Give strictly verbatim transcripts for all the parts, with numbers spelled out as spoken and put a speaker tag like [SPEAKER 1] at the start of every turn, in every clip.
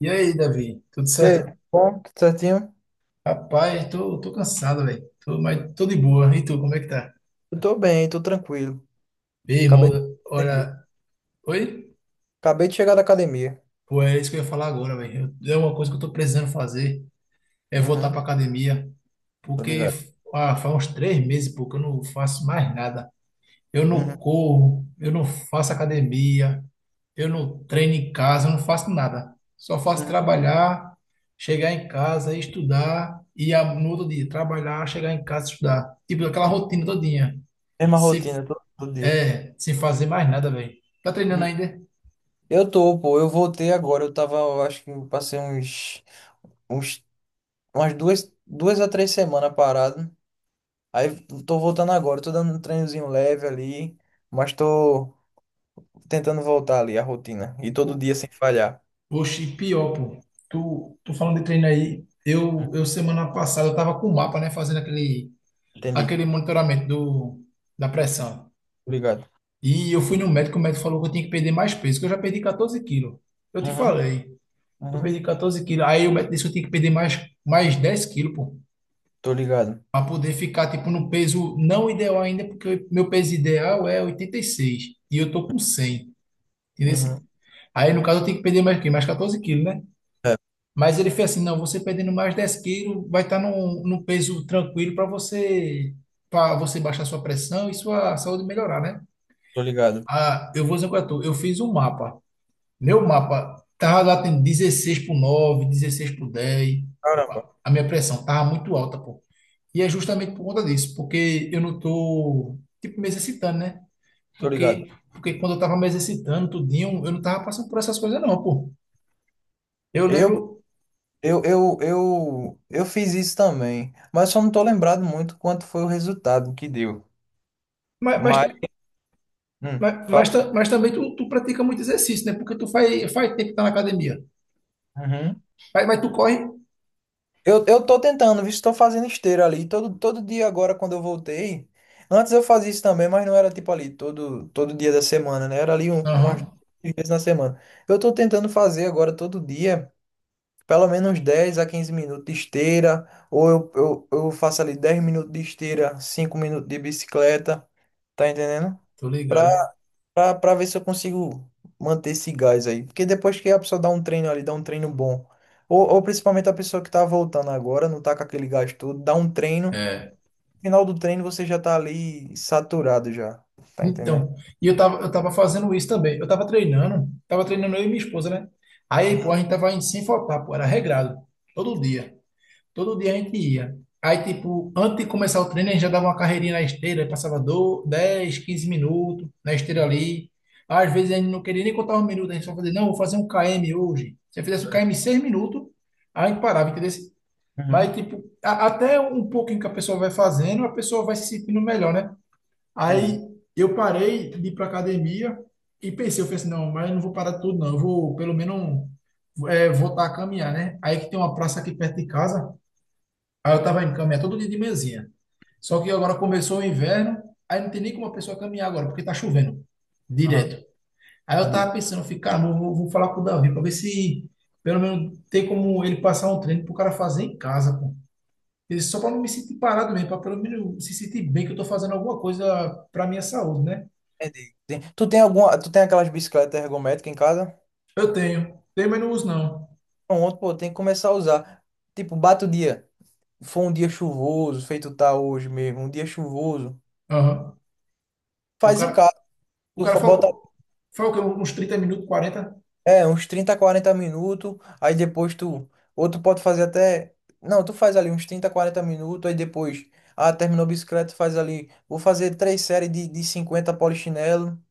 [SPEAKER 1] E aí, Davi, tudo
[SPEAKER 2] E aí,
[SPEAKER 1] certo?
[SPEAKER 2] bom? Tudo certinho?
[SPEAKER 1] Rapaz, tô, tô cansado, velho. Tô, mas tô de boa. E tu, como é que tá?
[SPEAKER 2] Eu tô bem, tô tranquilo.
[SPEAKER 1] Ei, irmão,
[SPEAKER 2] Acabei de academia.
[SPEAKER 1] olha. Oi?
[SPEAKER 2] Acabei de chegar da academia.
[SPEAKER 1] Pô, é isso que eu ia falar agora, velho. É uma coisa que eu tô precisando fazer, é voltar
[SPEAKER 2] Uhum,
[SPEAKER 1] pra academia.
[SPEAKER 2] tô
[SPEAKER 1] Porque
[SPEAKER 2] ligado.
[SPEAKER 1] ah, faz uns três meses, pô, que eu não faço mais nada. Eu
[SPEAKER 2] Uhum,
[SPEAKER 1] não corro, eu não faço academia, eu não treino em casa, eu não faço nada. Só faço
[SPEAKER 2] uhum.
[SPEAKER 1] trabalhar, chegar em casa, estudar e a- no outro dia trabalhar, chegar em casa, estudar. Tipo, aquela rotina todinha.
[SPEAKER 2] Mesma
[SPEAKER 1] Sem,
[SPEAKER 2] rotina, todo, todo dia.
[SPEAKER 1] é, sem fazer mais nada, velho. Tá treinando
[SPEAKER 2] Uhum.
[SPEAKER 1] ainda?
[SPEAKER 2] Eu tô, pô, eu voltei agora. Eu tava, eu acho que passei uns, uns, umas duas, duas a três semanas parado. Aí tô voltando agora, tô dando um treinozinho leve ali, mas tô tentando voltar ali a rotina. E todo
[SPEAKER 1] O-
[SPEAKER 2] dia sem falhar.
[SPEAKER 1] Oxe, pior, pô. Tu, tu falando de treino aí,
[SPEAKER 2] Uhum,
[SPEAKER 1] eu, eu semana passada eu tava com o mapa, né, fazendo aquele,
[SPEAKER 2] entendi.
[SPEAKER 1] aquele monitoramento do, da pressão.
[SPEAKER 2] Tô ligado.
[SPEAKER 1] E eu fui no médico, o médico falou que eu tinha que perder mais peso, que eu já perdi catorze quilos. Eu te
[SPEAKER 2] Uhum,
[SPEAKER 1] falei, eu
[SPEAKER 2] uhum.
[SPEAKER 1] perdi catorze quilos. Aí o médico disse que eu tinha que perder mais, mais dez quilos, pô,
[SPEAKER 2] Tô ligado.
[SPEAKER 1] para poder ficar, tipo, no peso não ideal ainda, porque meu peso ideal é oitenta e seis e eu tô com cem, entendeu?
[SPEAKER 2] Uhum.
[SPEAKER 1] Aí, no caso, eu tenho que perder mais, o quê? Mais catorze quilos, né?
[SPEAKER 2] É.
[SPEAKER 1] Mas ele fez assim, não, você perdendo mais dez quilos vai estar, tá num, num peso tranquilo para você, para você baixar sua pressão e sua saúde melhorar, né?
[SPEAKER 2] Tô ligado.
[SPEAKER 1] Ah, eu vou dizer o que eu tô, eu fiz um mapa. Meu mapa tava batendo dezesseis por nove, dezesseis por dez.
[SPEAKER 2] Caramba,
[SPEAKER 1] A a minha pressão tava muito alta, pô. E é justamente por conta disso, porque eu não tô, tipo, me exercitando, né?
[SPEAKER 2] tô ligado.
[SPEAKER 1] Porque, porque quando eu tava me exercitando, tudinho, eu não tava passando por essas coisas, não, pô. Eu
[SPEAKER 2] Eu,
[SPEAKER 1] lembro,
[SPEAKER 2] eu, eu, eu, eu fiz isso também, mas só não tô lembrado muito quanto foi o resultado que deu.
[SPEAKER 1] mas, mas,
[SPEAKER 2] Mas, hum,
[SPEAKER 1] mas,
[SPEAKER 2] fala.
[SPEAKER 1] mas, ta- mas também tu, tu pratica muito exercício, né? Porque tu faz, faz tempo que tá na academia.
[SPEAKER 2] Uhum.
[SPEAKER 1] Mas, mas tu corre?
[SPEAKER 2] Eu, eu tô tentando, visto que tô fazendo esteira ali. Todo, todo dia agora, quando eu voltei. Antes eu fazia isso também, mas não era tipo ali todo, todo dia da semana, né? Era ali um, umas
[SPEAKER 1] Aham,
[SPEAKER 2] duas vezes na semana. Eu tô tentando fazer agora todo dia. Pelo menos dez a quinze minutos de esteira, ou eu, eu, eu faço ali dez minutos de esteira, cinco minutos de bicicleta, tá entendendo?
[SPEAKER 1] tô
[SPEAKER 2] Pra,
[SPEAKER 1] ligado.
[SPEAKER 2] pra, pra ver se eu consigo manter esse gás aí. Porque depois que a pessoa dá um treino ali, dá um treino bom, ou, ou principalmente a pessoa que tá voltando agora, não tá com aquele gás todo, dá um treino,
[SPEAKER 1] É.
[SPEAKER 2] no final do treino você já tá ali saturado já, tá entendendo?
[SPEAKER 1] Então, e eu tava, eu tava fazendo isso também. Eu tava treinando, tava treinando eu e minha esposa, né? Aí, pô,
[SPEAKER 2] Uhum.
[SPEAKER 1] a gente tava indo sem faltar, pô, era regrado. Todo dia. Todo dia a gente ia. Aí, tipo, antes de começar o treino, a gente já dava uma carreirinha na esteira, aí passava do dez, quinze minutos na esteira ali. Às vezes a gente não queria nem contar os minutos, a gente só fazia, não, vou fazer um quilômetro hoje. Se eu fizesse um quilômetro em seis minutos, aí a gente parava, entendeu?
[SPEAKER 2] Uhum.
[SPEAKER 1] Mas, tipo, a- até um pouquinho que a pessoa vai fazendo, a pessoa vai se sentindo melhor, né?
[SPEAKER 2] Entendi.
[SPEAKER 1] Aí eu parei de ir para academia e pensei, eu falei assim, não, mas eu não vou parar tudo, não. Eu vou pelo menos um, é, voltar a caminhar, né? Aí que tem uma praça aqui perto de casa. Aí eu tava indo caminhar todo dia de manhãzinha. Só que agora começou o inverno, aí não tem nem como a pessoa caminhar agora, porque tá chovendo
[SPEAKER 2] Aham.
[SPEAKER 1] direto. Aí eu
[SPEAKER 2] Entendi.
[SPEAKER 1] tava pensando, ficar, vou, vou vou falar com o Davi para ver se pelo menos tem como ele passar um treino pro cara fazer em casa, pô. Ele- Só para não me sentir parado mesmo, para pelo menos se sentir bem que eu tô fazendo alguma coisa para minha saúde, né?
[SPEAKER 2] Entendi. Tem- Tu tem alguma, tu tem aquelas bicicletas ergométricas em casa?
[SPEAKER 1] Eu tenho. Tenho, mas não uso, não.
[SPEAKER 2] Pronto, pô, tem que começar a usar. Tipo, bate o dia. Foi um dia chuvoso, feito tá hoje mesmo, um dia chuvoso.
[SPEAKER 1] Aham. O
[SPEAKER 2] Faz em
[SPEAKER 1] cara,
[SPEAKER 2] casa,
[SPEAKER 1] o
[SPEAKER 2] tu
[SPEAKER 1] cara
[SPEAKER 2] fa- bota
[SPEAKER 1] falou, foi o quê? Uns trinta minutos, quarenta.
[SPEAKER 2] é, uns trinta quarenta minutos, aí depois tu. Ou tu pode fazer até. Não, tu faz ali uns trinta quarenta minutos, aí depois. Ah, terminou a bicicleta, faz ali. Vou fazer três séries de, de cinquenta polichinelo,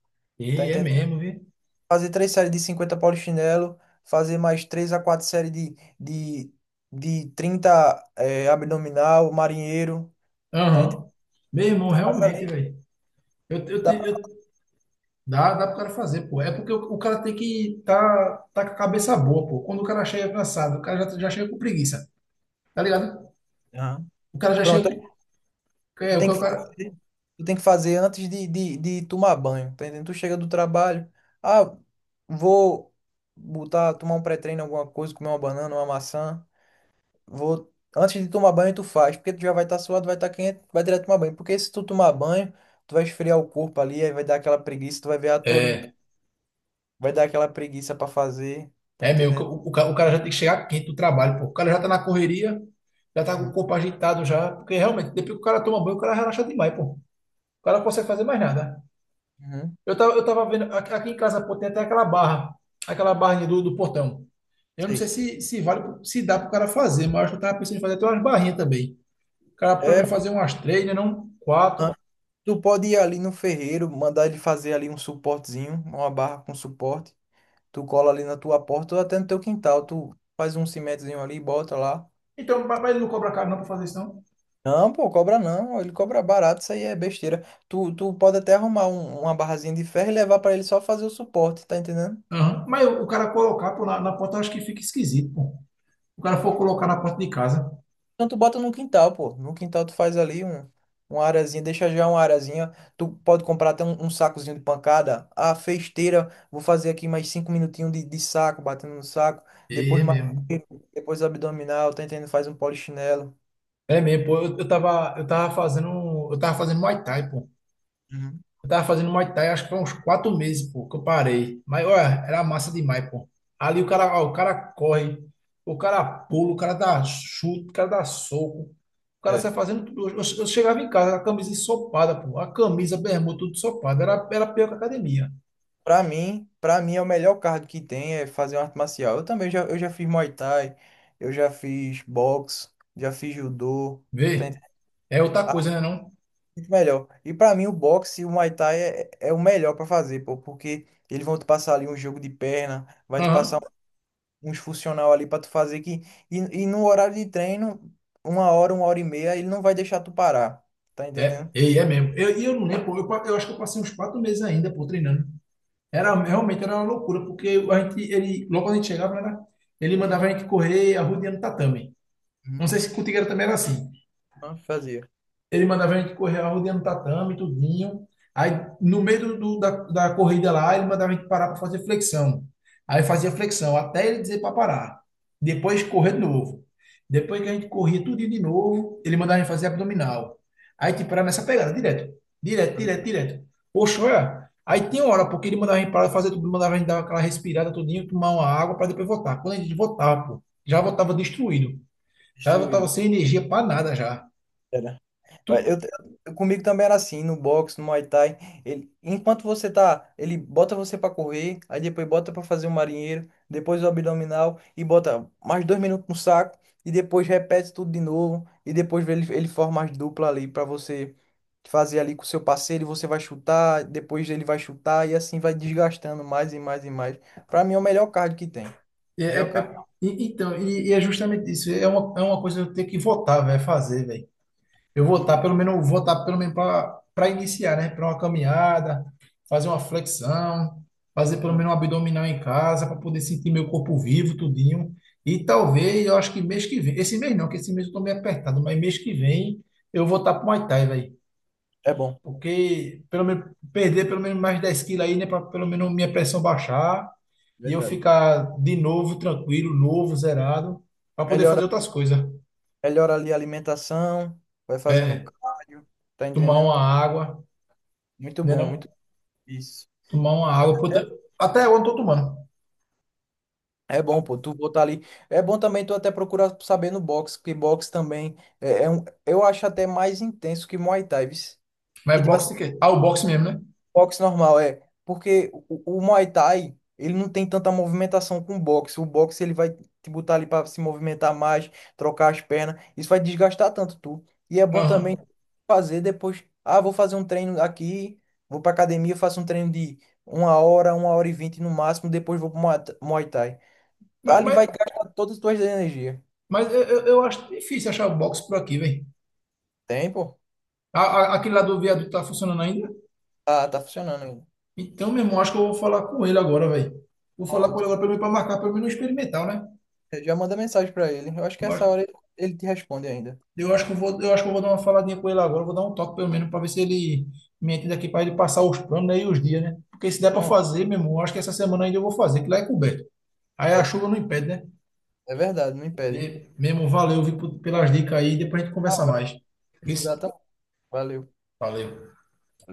[SPEAKER 2] tá
[SPEAKER 1] E é
[SPEAKER 2] entendendo?
[SPEAKER 1] mesmo, viu?
[SPEAKER 2] Fazer três séries de cinquenta polichinelo, fazer mais três a quatro séries de, de, de trinta eh, abdominal, marinheiro. Tá.
[SPEAKER 1] Aham. Meu irmão,
[SPEAKER 2] Mas
[SPEAKER 1] realmente,
[SPEAKER 2] ali
[SPEAKER 1] velho. Eu, eu,
[SPEAKER 2] dá
[SPEAKER 1] te-
[SPEAKER 2] pra...
[SPEAKER 1] eu, dá, dá pro cara fazer, pô. É porque o, o cara tem que tá, tá com a cabeça boa, pô. Quando o cara chega cansado, o cara já, já chega com preguiça, tá ligado?
[SPEAKER 2] Aham.
[SPEAKER 1] O cara já chega
[SPEAKER 2] Pronto,
[SPEAKER 1] com.
[SPEAKER 2] aí tu
[SPEAKER 1] É. o
[SPEAKER 2] tem
[SPEAKER 1] cara,
[SPEAKER 2] que
[SPEAKER 1] o cara-
[SPEAKER 2] fazer, tu tem que fazer antes de, de, de tomar banho, tá entendendo? Tu chega do trabalho, ah, vou botar, tomar um pré-treino, alguma coisa, comer uma banana, uma maçã, vou... Antes de tomar banho, tu faz, porque tu já vai estar suado, vai estar quente, vai direto tomar banho. Porque se tu tomar banho, tu vai esfriar o corpo ali, aí vai dar aquela preguiça, tu vai ver, ah, tô limpinho,
[SPEAKER 1] é,
[SPEAKER 2] vai dar aquela preguiça pra fazer, tá
[SPEAKER 1] é mesmo.
[SPEAKER 2] entendendo?
[SPEAKER 1] O, o, cara- o cara já tem que chegar quente do trabalho, pô. O cara já tá na correria, já tá com o
[SPEAKER 2] Uhum.
[SPEAKER 1] corpo agitado já. Porque realmente, depois que o cara toma banho, o cara relaxa demais, pô. O cara não consegue fazer mais nada.
[SPEAKER 2] Uhum.
[SPEAKER 1] Eu tava, eu tava vendo, aqui aqui em casa, pô, tem até aquela barra, aquela barrinha do, do portão. Eu não sei
[SPEAKER 2] Sei.
[SPEAKER 1] se, se vale, pro- se dá pro cara fazer, mas eu acho que eu tava pensando em fazer até umas barrinhas também. O cara pelo
[SPEAKER 2] É,
[SPEAKER 1] menos fazer umas três, né, não quatro.
[SPEAKER 2] tu pode ir ali no ferreiro, mandar ele fazer ali um suportezinho, uma barra com suporte. Tu cola ali na tua porta ou até no teu quintal. Tu faz um cimentozinho ali e bota lá.
[SPEAKER 1] Então, mas mas ele não cobra caro não pra fazer isso, não.
[SPEAKER 2] Não, pô, cobra não. Ele cobra barato, isso aí é besteira. Tu, tu pode até arrumar um- uma barrazinha de ferro e levar pra ele só fazer o suporte, tá entendendo?
[SPEAKER 1] Aham. Mas o, o cara colocar, pô, na, na porta, eu acho que fica esquisito, pô. O cara for colocar na porta de casa.
[SPEAKER 2] Então tu bota no quintal, pô. No quintal tu faz ali um, uma arazinha, deixa já uma arazinha. Tu pode comprar até um, um sacozinho de pancada. Ah, fez esteira, vou fazer aqui mais cinco minutinhos de, de saco, batendo no saco.
[SPEAKER 1] E
[SPEAKER 2] Depois
[SPEAKER 1] é
[SPEAKER 2] mais,
[SPEAKER 1] mesmo.
[SPEAKER 2] depois abdominal, tá entendendo? Faz um polichinelo.
[SPEAKER 1] É mesmo, pô. Eu, eu tava, eu tava fazendo, um, eu tava fazendo Muay Thai, pô.
[SPEAKER 2] Uhum.
[SPEAKER 1] Eu tava fazendo Muay Thai, acho que foi uns quatro meses, pô, que eu parei. Mas, olha, era massa demais, pô. Ali o cara, ó, o cara corre, o cara pula, o cara dá chute, o cara dá soco. O cara
[SPEAKER 2] É.
[SPEAKER 1] sai fazendo tudo. Eu, eu chegava em casa, a camisa ensopada, pô. A camisa, a bermuda, tudo ensopada. Era, era pior que a academia.
[SPEAKER 2] Pra mim, pra mim é o melhor cardio que tem é fazer uma arte marcial. Eu também já, eu já fiz Muay Thai, eu já fiz boxe, já fiz judô. Tá
[SPEAKER 1] Vê?
[SPEAKER 2] entendendo?
[SPEAKER 1] É outra coisa, né, não?
[SPEAKER 2] Muito melhor. E pra mim o boxe e o Muay Thai é, é o melhor pra fazer, pô, porque eles vão te passar ali um jogo de perna, vai te passar
[SPEAKER 1] Aham.
[SPEAKER 2] uns funcional ali pra tu fazer que e, e no horário de treino, uma hora, uma hora e meia, ele não vai deixar tu parar. Tá
[SPEAKER 1] É,
[SPEAKER 2] entendendo?
[SPEAKER 1] e é mesmo. Eu, e eu não lembro, pô, eu, pa- eu acho que eu passei uns quatro meses ainda, pô, treinando. Era, realmente era uma loucura, porque a gente, ele, logo quando a gente chegava, era, ele
[SPEAKER 2] Uhum,
[SPEAKER 1] mandava a gente correr arrodeando o tatame. Não
[SPEAKER 2] uhum.
[SPEAKER 1] sei se contigo era, também era assim.
[SPEAKER 2] Ah, fazia.
[SPEAKER 1] Ele mandava a gente correr a rua dentro do tatame, tudinho. Aí, no meio do, da, da corrida lá, ele mandava a gente parar para fazer flexão. Aí fazia flexão, até ele dizer para parar. Depois correr de novo. Depois que a gente corria tudo de novo, ele mandava a gente fazer abdominal. Aí, tipo, era nessa pegada, direto. Direto,
[SPEAKER 2] Uhum.
[SPEAKER 1] direto, direto. Poxa, olha. Aí tinha hora, porque ele mandava a gente parar de fazer tudo, mandava a gente dar aquela respirada tudinho, tomar uma água para depois voltar. Quando a gente voltava, pô, já voltava destruído. Já voltava
[SPEAKER 2] Destruído.
[SPEAKER 1] sem energia para nada já. Tu.
[SPEAKER 2] Eu, eu- comigo também era assim, no boxe, no Muay Thai. Ele, enquanto você tá, ele bota você pra correr, aí depois bota pra fazer o marinheiro, depois o abdominal e bota mais dois minutos no saco e depois repete tudo de novo e depois ele, ele forma as duplas ali pra você fazer ali com o seu parceiro e você vai chutar, depois ele vai chutar e assim vai desgastando mais e mais e mais. Pra mim é o melhor cardio que tem.
[SPEAKER 1] É, é,
[SPEAKER 2] Melhor
[SPEAKER 1] é-
[SPEAKER 2] cardio.
[SPEAKER 1] e- então, e, e é justamente isso. É uma, é uma coisa que eu tenho que votar, velho, fazer, velho. Eu
[SPEAKER 2] Uhum,
[SPEAKER 1] votar, pelo menos, eu votar pelo menos para iniciar, né? Para uma caminhada, fazer uma flexão, fazer pelo
[SPEAKER 2] uhum.
[SPEAKER 1] menos um abdominal em casa, para poder sentir meu corpo vivo, tudinho. E talvez, eu acho que mês que vem, esse mês não, que esse mês eu tô meio apertado, mas mês que vem eu vou estar pro Muay Thai, velho.
[SPEAKER 2] É bom,
[SPEAKER 1] Porque pelo menos perder pelo menos mais dez quilos aí, né? Para pelo menos minha pressão baixar e eu
[SPEAKER 2] verdade.
[SPEAKER 1] ficar de novo tranquilo, novo, zerado, para poder fazer
[SPEAKER 2] Melhora
[SPEAKER 1] outras coisas.
[SPEAKER 2] Melhora ali a alimentação, vai fazendo
[SPEAKER 1] É,
[SPEAKER 2] cardio, tá
[SPEAKER 1] tomar
[SPEAKER 2] entendendo?
[SPEAKER 1] uma água,
[SPEAKER 2] Muito
[SPEAKER 1] né?
[SPEAKER 2] bom, muito
[SPEAKER 1] Não?
[SPEAKER 2] isso.
[SPEAKER 1] Tomar uma água. Puta, até eu não tô tomando.
[SPEAKER 2] É bom, pô, tu botar ali. É bom também tu até procurar saber no boxe, porque boxe também é, é um, eu acho até mais intenso que Muay Thai, viu? Porque,
[SPEAKER 1] Mas
[SPEAKER 2] tipo
[SPEAKER 1] boxe
[SPEAKER 2] assim,
[SPEAKER 1] de quê? Ah, o boxe mesmo, né?
[SPEAKER 2] boxe normal, é. Porque o, o Muay Thai, ele não tem tanta movimentação com o boxe. O boxe, ele vai te botar ali para se movimentar mais, trocar as pernas. Isso vai desgastar tanto tu. E é bom também
[SPEAKER 1] Aham.
[SPEAKER 2] fazer depois. Ah, vou fazer um treino aqui, vou pra academia, faço um treino de uma hora, uma hora e vinte no máximo, depois vou pro Muay Th- Muay Thai.
[SPEAKER 1] Mas,
[SPEAKER 2] Ali
[SPEAKER 1] mas,
[SPEAKER 2] vai gastar todas as tuas energias.
[SPEAKER 1] mas eu, eu eu acho difícil achar o boxe por aqui, velho.
[SPEAKER 2] Tem, pô?
[SPEAKER 1] Aquele lá do viaduto tá funcionando ainda?
[SPEAKER 2] Ah, tá funcionando ainda.
[SPEAKER 1] Então, meu irmão, acho que eu vou falar com ele agora, velho. Vou falar com
[SPEAKER 2] Pronto.
[SPEAKER 1] ele agora para marcar, pelo menos experimental, né?
[SPEAKER 2] Eu já manda mensagem pra ele. Eu acho que essa hora ele ele te responde ainda.
[SPEAKER 1] Eu acho que eu vou, eu acho que eu vou dar uma faladinha com ele agora, eu vou dar um toque pelo menos para ver se ele me entende aqui para ele passar os planos, né, e os dias, né? Porque se der para
[SPEAKER 2] Pronto.
[SPEAKER 1] fazer, meu irmão, eu acho que essa semana ainda eu vou fazer, que lá é coberto. Aí a
[SPEAKER 2] É.
[SPEAKER 1] chuva não impede, né?
[SPEAKER 2] É verdade, não impede.
[SPEAKER 1] E, meu irmão, valeu, viu, por- pelas dicas aí, depois a gente
[SPEAKER 2] Na
[SPEAKER 1] conversa
[SPEAKER 2] hora,
[SPEAKER 1] mais.
[SPEAKER 2] precisar,
[SPEAKER 1] Isso?
[SPEAKER 2] tá? Valeu.
[SPEAKER 1] Valeu.